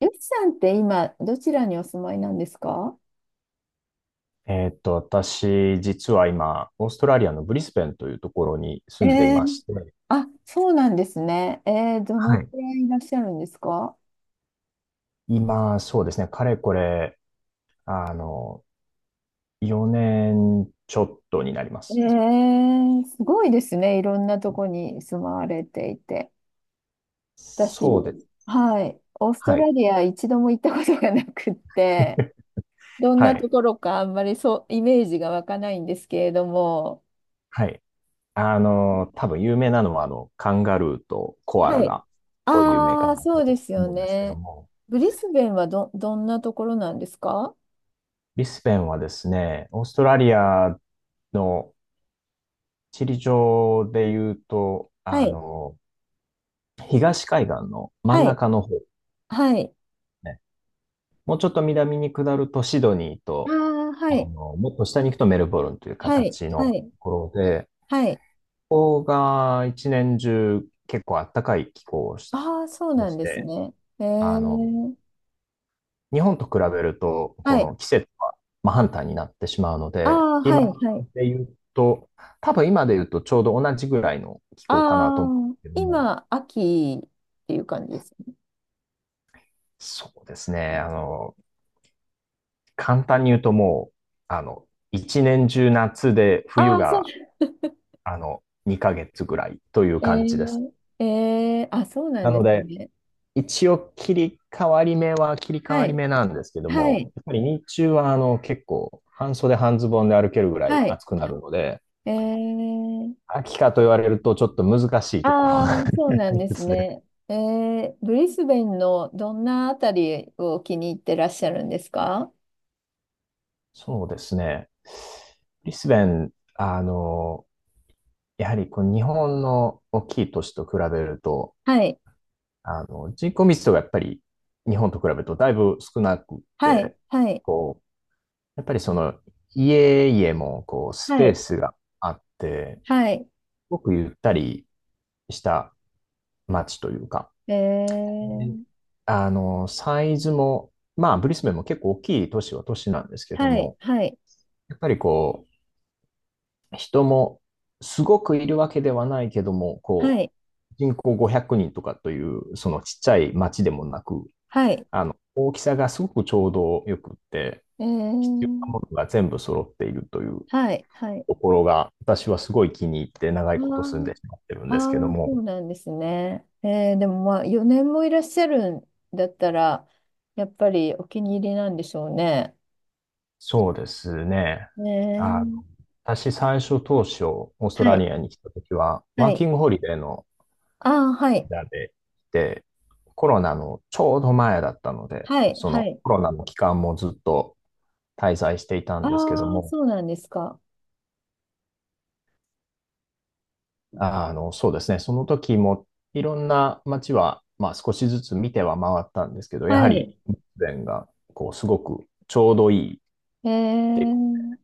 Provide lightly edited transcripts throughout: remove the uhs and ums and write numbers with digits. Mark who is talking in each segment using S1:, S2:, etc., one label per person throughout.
S1: ゆきさんって今、どちらにお住まいなんですか？
S2: 私、実は今、オーストラリアのブリスベンというところに住んでい
S1: え
S2: ま
S1: ー、
S2: して、
S1: あ、そうなんですね。ど
S2: は
S1: の
S2: い。
S1: くらいいらっしゃるんですか？
S2: 今、そうですね、かれこれ、あの、4年ちょっとになります。
S1: すごいですね。いろんなとこに住まわれていて。私、
S2: そうです。
S1: はい、オースト
S2: は
S1: ラ
S2: い。
S1: リア一度も行ったことがなくって、ど ん
S2: は
S1: なと
S2: い。
S1: ころかあんまりそう、イメージが湧かないんですけれども。
S2: はい。多分有名なのは、カンガルーとコアラ
S1: はい。
S2: が、こう有名か
S1: ああ、
S2: な
S1: そうで
S2: と
S1: すよ
S2: 思うんですけど
S1: ね。
S2: も、
S1: ブリスベンはどんなところなんですか？
S2: ブリスベンはですね、オーストラリアの地理上で言うと、
S1: はい。
S2: 東海岸の真ん
S1: はい。
S2: 中の方です
S1: はい。
S2: ね。もうちょっと南に下るとシドニー
S1: あ
S2: と、
S1: あ、はい。
S2: もっと下に行くとメルボルンという
S1: はい。
S2: 形
S1: は
S2: の
S1: い。
S2: ところで、
S1: はい。
S2: ここが一年中結構暖かい気候
S1: ああ、そう
S2: で
S1: なん
S2: し
S1: です
S2: て、
S1: ね。ええ。
S2: あの、日本と比べると、こ
S1: はい。
S2: の季節は真反対になってしまうの
S1: あ
S2: で、
S1: あ、は
S2: 今
S1: い。はい。
S2: で言うと、多分今で言うとちょうど同じぐらいの気候かなと
S1: あ
S2: 思うんで
S1: あ、
S2: すけども、
S1: 今、秋っていう感じです。
S2: そうですね、簡単に言うともう、あの、一年中夏で冬
S1: ああ、そう。
S2: が、あの、2ヶ月ぐらいという
S1: え
S2: 感じです。
S1: え。ええ。あ、そうな
S2: な
S1: んで
S2: の
S1: す
S2: で、
S1: ね。
S2: 一応切り替わり目は切り替
S1: は
S2: わり
S1: い。
S2: 目なんですけど
S1: はい。
S2: も、やっぱり日中は結構半袖半ズボンで歩けるぐらい
S1: はい。
S2: 暑くなるので、
S1: ええ。
S2: 秋かと言われるとちょっと難しいところ
S1: ああ、
S2: があ
S1: そうなん
S2: り
S1: で
S2: ま
S1: す
S2: すね。
S1: ね。ええ、ブリスベンのどんなあたりを気に入ってらっしゃるんですか？
S2: そうですね。ブリスベン、やはりこう日本の大きい都市と比べると、
S1: はい。
S2: 人口密度がやっぱり日本と比べるとだいぶ少なくっ
S1: はい。
S2: て、
S1: はい。
S2: こう、やっぱりその家々もこうス
S1: は
S2: ペー
S1: い。
S2: スがあって、
S1: はい。
S2: すごくゆったりした街というか、
S1: え
S2: で
S1: ー、
S2: サイズも、まあ、ブリスベンも結構大きい都市は都市なんですけど
S1: はい、
S2: も、
S1: はい、
S2: やっぱり人もすごくいるわけではないけども、
S1: はい、
S2: 人口500人とかという、そのちっちゃい町でもなく、
S1: はい、
S2: 大きさがすごくちょうどよくって、
S1: え
S2: 必要な
S1: ー、
S2: ものが全部揃っているという
S1: はい、はい。
S2: ところが、私はすごい気に入って長
S1: あ
S2: いこと住ん
S1: ー
S2: でしまってるん
S1: あ
S2: ですけど
S1: ー、そ
S2: も、
S1: うなんですね。でもまあ、4年もいらっしゃるんだったら、やっぱりお気に入りなんでしょうね。
S2: そうですね。
S1: え
S2: あの、
S1: ー、
S2: 私最初当初、オースト
S1: は
S2: ラ
S1: い、
S2: リアに来た時は、
S1: は
S2: ワー
S1: い。
S2: キングホリデーの
S1: ああ、はい、
S2: 間で来て、コロナのちょうど前だったので、
S1: はい、
S2: そ
S1: は
S2: の
S1: い。
S2: コロナの期間もずっと滞在していたん
S1: あ
S2: ですけど
S1: あ、
S2: も、
S1: そうなんですか。
S2: そうですね。その時もいろんな街は、まあ、少しずつ見ては回ったんですけど、や
S1: は
S2: はり
S1: い。
S2: ブレーデンがこうすごくちょうどいい
S1: え
S2: で、
S1: ー、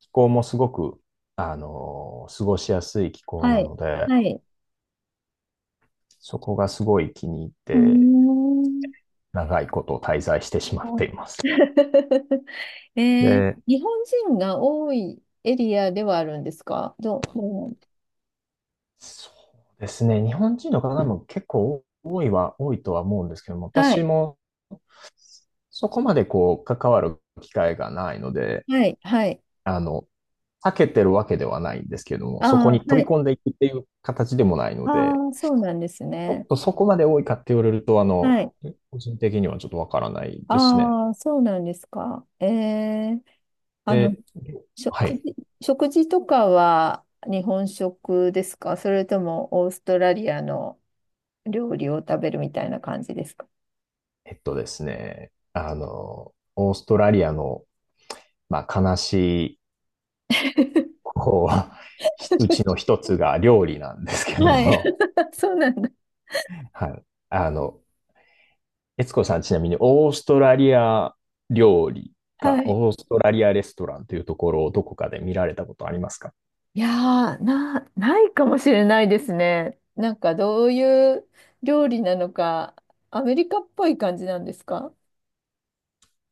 S2: 気候もすごく、過ごしやすい気候
S1: は
S2: な
S1: い、
S2: ので、
S1: はい。
S2: そこがすごい気に入っ
S1: うー
S2: て
S1: ん。
S2: 長いこと滞在してしまっています。で、
S1: 日本人が多いエリアではあるんですか？どう、どう。
S2: そうですね。日本人の方も結構多いは多いとは思うんですけども、
S1: は
S2: 私
S1: い、
S2: もそこまで関わる機会がないので、
S1: はい、はい。
S2: あの、避けてるわけではないんですけれども、
S1: あ
S2: そこ
S1: あ、
S2: に
S1: は
S2: 飛
S1: い。
S2: び込んでいくっていう形でもないので、
S1: ああ、そうなんです
S2: ちょっ
S1: ね。
S2: とそこまで多いかって言われると、
S1: はい。
S2: 個人的にはちょっとわからないですね。
S1: ああ、そうなんですか。ええ。あの、
S2: で、は
S1: 食
S2: い。
S1: 事、食事とかは日本食ですか？それともオーストラリアの料理を食べるみたいな感じですか？
S2: えっとですね、オーストラリアの、まあ、悲しい、こうちの 一つが料理なんですけど
S1: はい、
S2: も、
S1: そうなんだ。
S2: はい。あの、悦子さん、ちなみにオーストラリア料理か、
S1: はい。
S2: オーストラリアレストランというところをどこかで見られたことありますか？
S1: いやー、ないかもしれないですね。なんかどういう料理なのか、アメリカっぽい感じなんですか？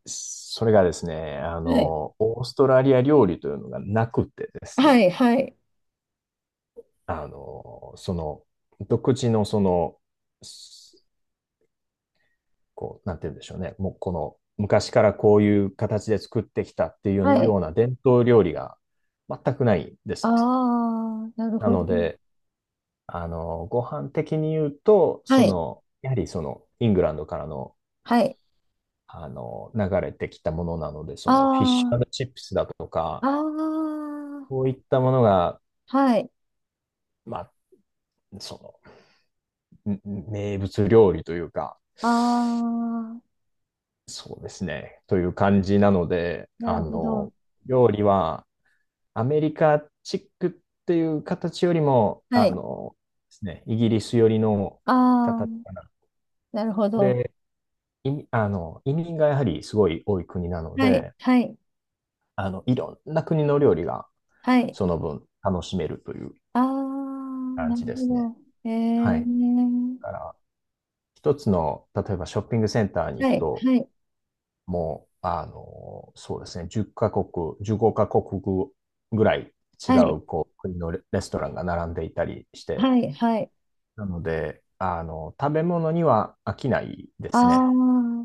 S2: それがですね、
S1: はい。
S2: オーストラリア料理というのがなくてです
S1: は
S2: ね、
S1: い、はい、
S2: その、独自のその、すこう、なんて言うんでしょうね、もうこの、昔からこういう形で作ってきたってい
S1: は
S2: う
S1: い。
S2: ような伝統料理が全くないで
S1: あ
S2: すね。
S1: あ、なる
S2: な
S1: ほど。
S2: ので、ご飯的に言うと、
S1: は
S2: そ
S1: い、
S2: の、やはりその、イングランドからの、
S1: はい。
S2: 流れてきたものなので、その、フィッシ
S1: あ
S2: ュチップスだと
S1: あ、
S2: か、
S1: あ
S2: そ
S1: あ、
S2: ういったものが、
S1: はい。
S2: まあ、その、名物料理というか、
S1: ああ、
S2: そうですね、という感じなので、
S1: なるほど。
S2: 料理はアメリカチックっていう形よりも、
S1: はい。
S2: ですね、イギリス寄りの
S1: あ
S2: 形
S1: あ、
S2: かな。
S1: なるほど。
S2: で、移民がやはりすごい多い国なの
S1: はい、
S2: で、
S1: はい、
S2: いろんな国の料理が
S1: はい。
S2: その分楽しめるという
S1: ああ、
S2: 感
S1: なる
S2: じで
S1: ほ
S2: すね。
S1: ど。え
S2: は
S1: え、
S2: い。だから、一つの、例えばショッピングセンターに行
S1: は
S2: く
S1: い、
S2: と、
S1: はい、
S2: もう、そうですね、10カ国、15カ国ぐらい違
S1: はい、
S2: う、国のレレストランが並んでいたりして、
S1: はい、はい。
S2: なので、食べ物には飽きないで
S1: あ
S2: す
S1: あ、
S2: ね。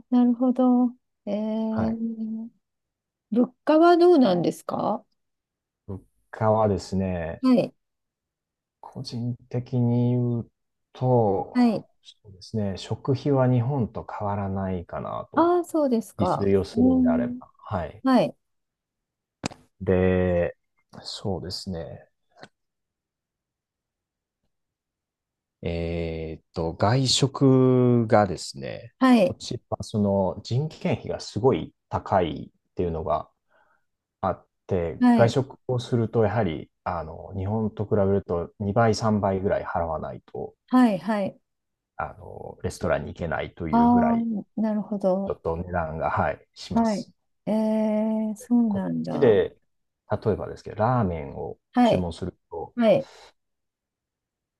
S1: なるほど。え
S2: はい。
S1: ー、物価はどうなんですか？
S2: 物価はですね、
S1: はい、
S2: 個人的に言うと、
S1: はい、
S2: そうですね、食費は日本と変わらないかなと、
S1: ああー、そうです
S2: 自
S1: か。
S2: 炊を
S1: う
S2: するんであれば。
S1: ん。
S2: はい。
S1: はい、
S2: で、そうですね。外食がですね、
S1: は
S2: こ
S1: い、
S2: ちら、その人件費がすごい高いっていうのがあって、
S1: は
S2: 外
S1: い、
S2: 食をすると、やはり、日本と比べると2倍、3倍ぐらい払わないと、
S1: はい、はい。
S2: レストランに行けないというぐら
S1: あ
S2: い、
S1: あ、なるほ
S2: ちょ
S1: ど。
S2: っと値段が、はい、しま
S1: はい。
S2: す。
S1: そう
S2: こ
S1: な
S2: っ
S1: ん
S2: ち
S1: だ。
S2: で、例えばですけど、ラーメンを
S1: は
S2: 注
S1: い、
S2: 文すると、
S1: はい。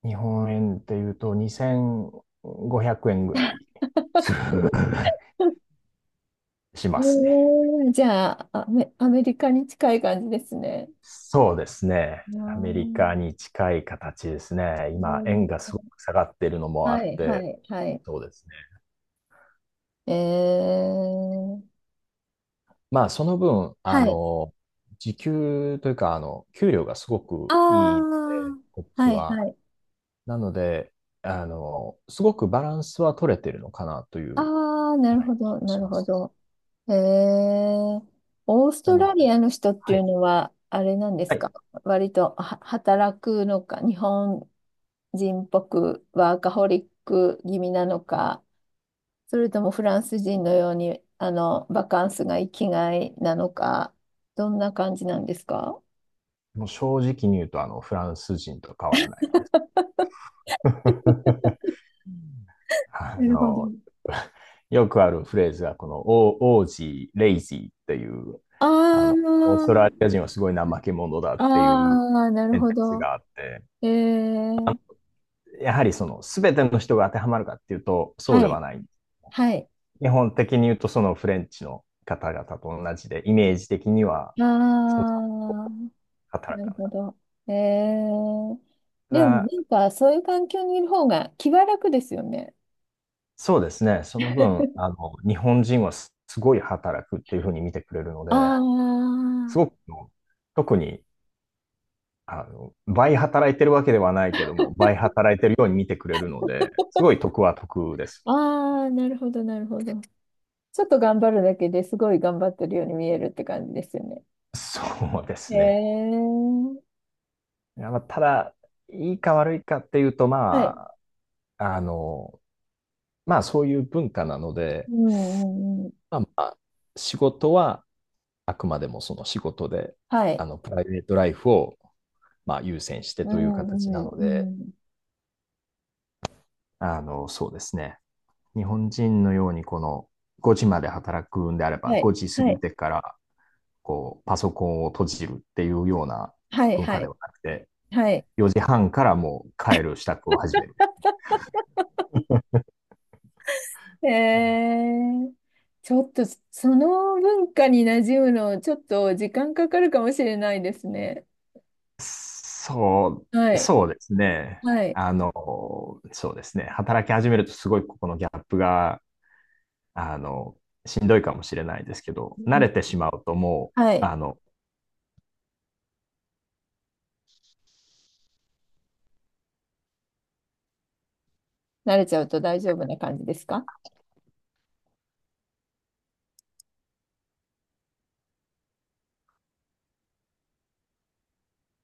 S2: 日本円でいうと2500円ぐらい しますね。
S1: じゃあ、アメリカに近い感じですね。
S2: そうですね。
S1: あ
S2: アメリカ
S1: ー、
S2: に近い形ですね。
S1: え
S2: 今、円が
S1: ー、
S2: すごく下がってるのもあ
S1: は
S2: っ
S1: い、は
S2: て、
S1: い、はい。
S2: そうですね。
S1: えー、
S2: まあ、その分、
S1: はい。
S2: 時給というか、給料がすご
S1: あ
S2: く
S1: あ、
S2: いいので、こっち
S1: はい
S2: は。
S1: はい。
S2: なので、すごくバランスは取れてるのかなという、
S1: ああ、なる
S2: は
S1: ほ
S2: い、気
S1: ど、
S2: が
S1: な
S2: し
S1: る
S2: ま
S1: ほ
S2: す。
S1: ど。へえ、オース
S2: な
S1: ト
S2: の
S1: ラリ
S2: で、
S1: アの人って
S2: は
S1: いう
S2: い。
S1: のは、あれなんで
S2: は
S1: すか？
S2: い。
S1: 割とは働くのか、日本人っぽくワーカホリック気味なのか、それともフランス人のように、バカンスが生きがいなのか、どんな感じなんですか？
S2: もう正直に言うと、フランス人と変わらないです。うんあ
S1: なるほど。
S2: の、よくあるフレーズが、この、オージー、レイジーっていう、オースト
S1: あ
S2: ラリア人はすごい怠け者だっ
S1: あ、
S2: ていう
S1: ああ、なる
S2: セン
S1: ほ
S2: ス
S1: ど。
S2: があって、
S1: ええ、
S2: やはりその、すべての人が当てはまるかっていうと、そうで
S1: はい。
S2: はない。
S1: はい。
S2: 基本的に言うと、そのフレンチの方々と同じで、イメージ的には、
S1: ああ、
S2: 働
S1: なる
S2: かない。
S1: ほど。えー、
S2: た
S1: でもな
S2: だ、
S1: んかそういう環境にいる方が気は楽ですよね。
S2: そうですね、その分、日本人はすすごい働くっていうふうに見てくれるので、
S1: あ
S2: すごく、
S1: あ、
S2: 特に倍働いてるわけではないけども、倍働いてるように見てくれるので、すごい得は得です。
S1: ああ、なるほど、なるほど。ちょっと頑張るだけですごい頑張ってるように見えるって感じですよね。
S2: そうで
S1: え
S2: すね。
S1: ー、
S2: いやまあただ、いいか悪いかっていうと、
S1: は
S2: ま
S1: い。
S2: あ、あの、まあ、そういう文化なの
S1: う
S2: で、
S1: んうんうん。
S2: まあ仕事はあくまでもその仕事で、
S1: はい。
S2: プライベートライフを、まあ、優先して
S1: う
S2: という
S1: んう
S2: 形な
S1: ん
S2: の
S1: う
S2: で、
S1: ん。
S2: そうですね。日本人のように、この5時まで働くんであれば、
S1: はい。
S2: 5時過
S1: は
S2: ぎ
S1: い。
S2: てからパソコンを閉じるっていうような
S1: はい。
S2: 文
S1: は
S2: 化で
S1: い。
S2: はなくて、
S1: はい。
S2: 4時半からもう帰る支度を始める。
S1: えー、ちょっとその文化に馴染むの、ちょっと時間かかるかもしれないですね。
S2: そ
S1: は
S2: う、
S1: い。
S2: そうですね。
S1: はい。
S2: あの、そうですね。働き始めるとすごいここのギャップが、あの、しんどいかもしれないですけど、
S1: う
S2: 慣
S1: ん、
S2: れてしまうともう、
S1: はい。慣れちゃうと大丈夫な感じですか？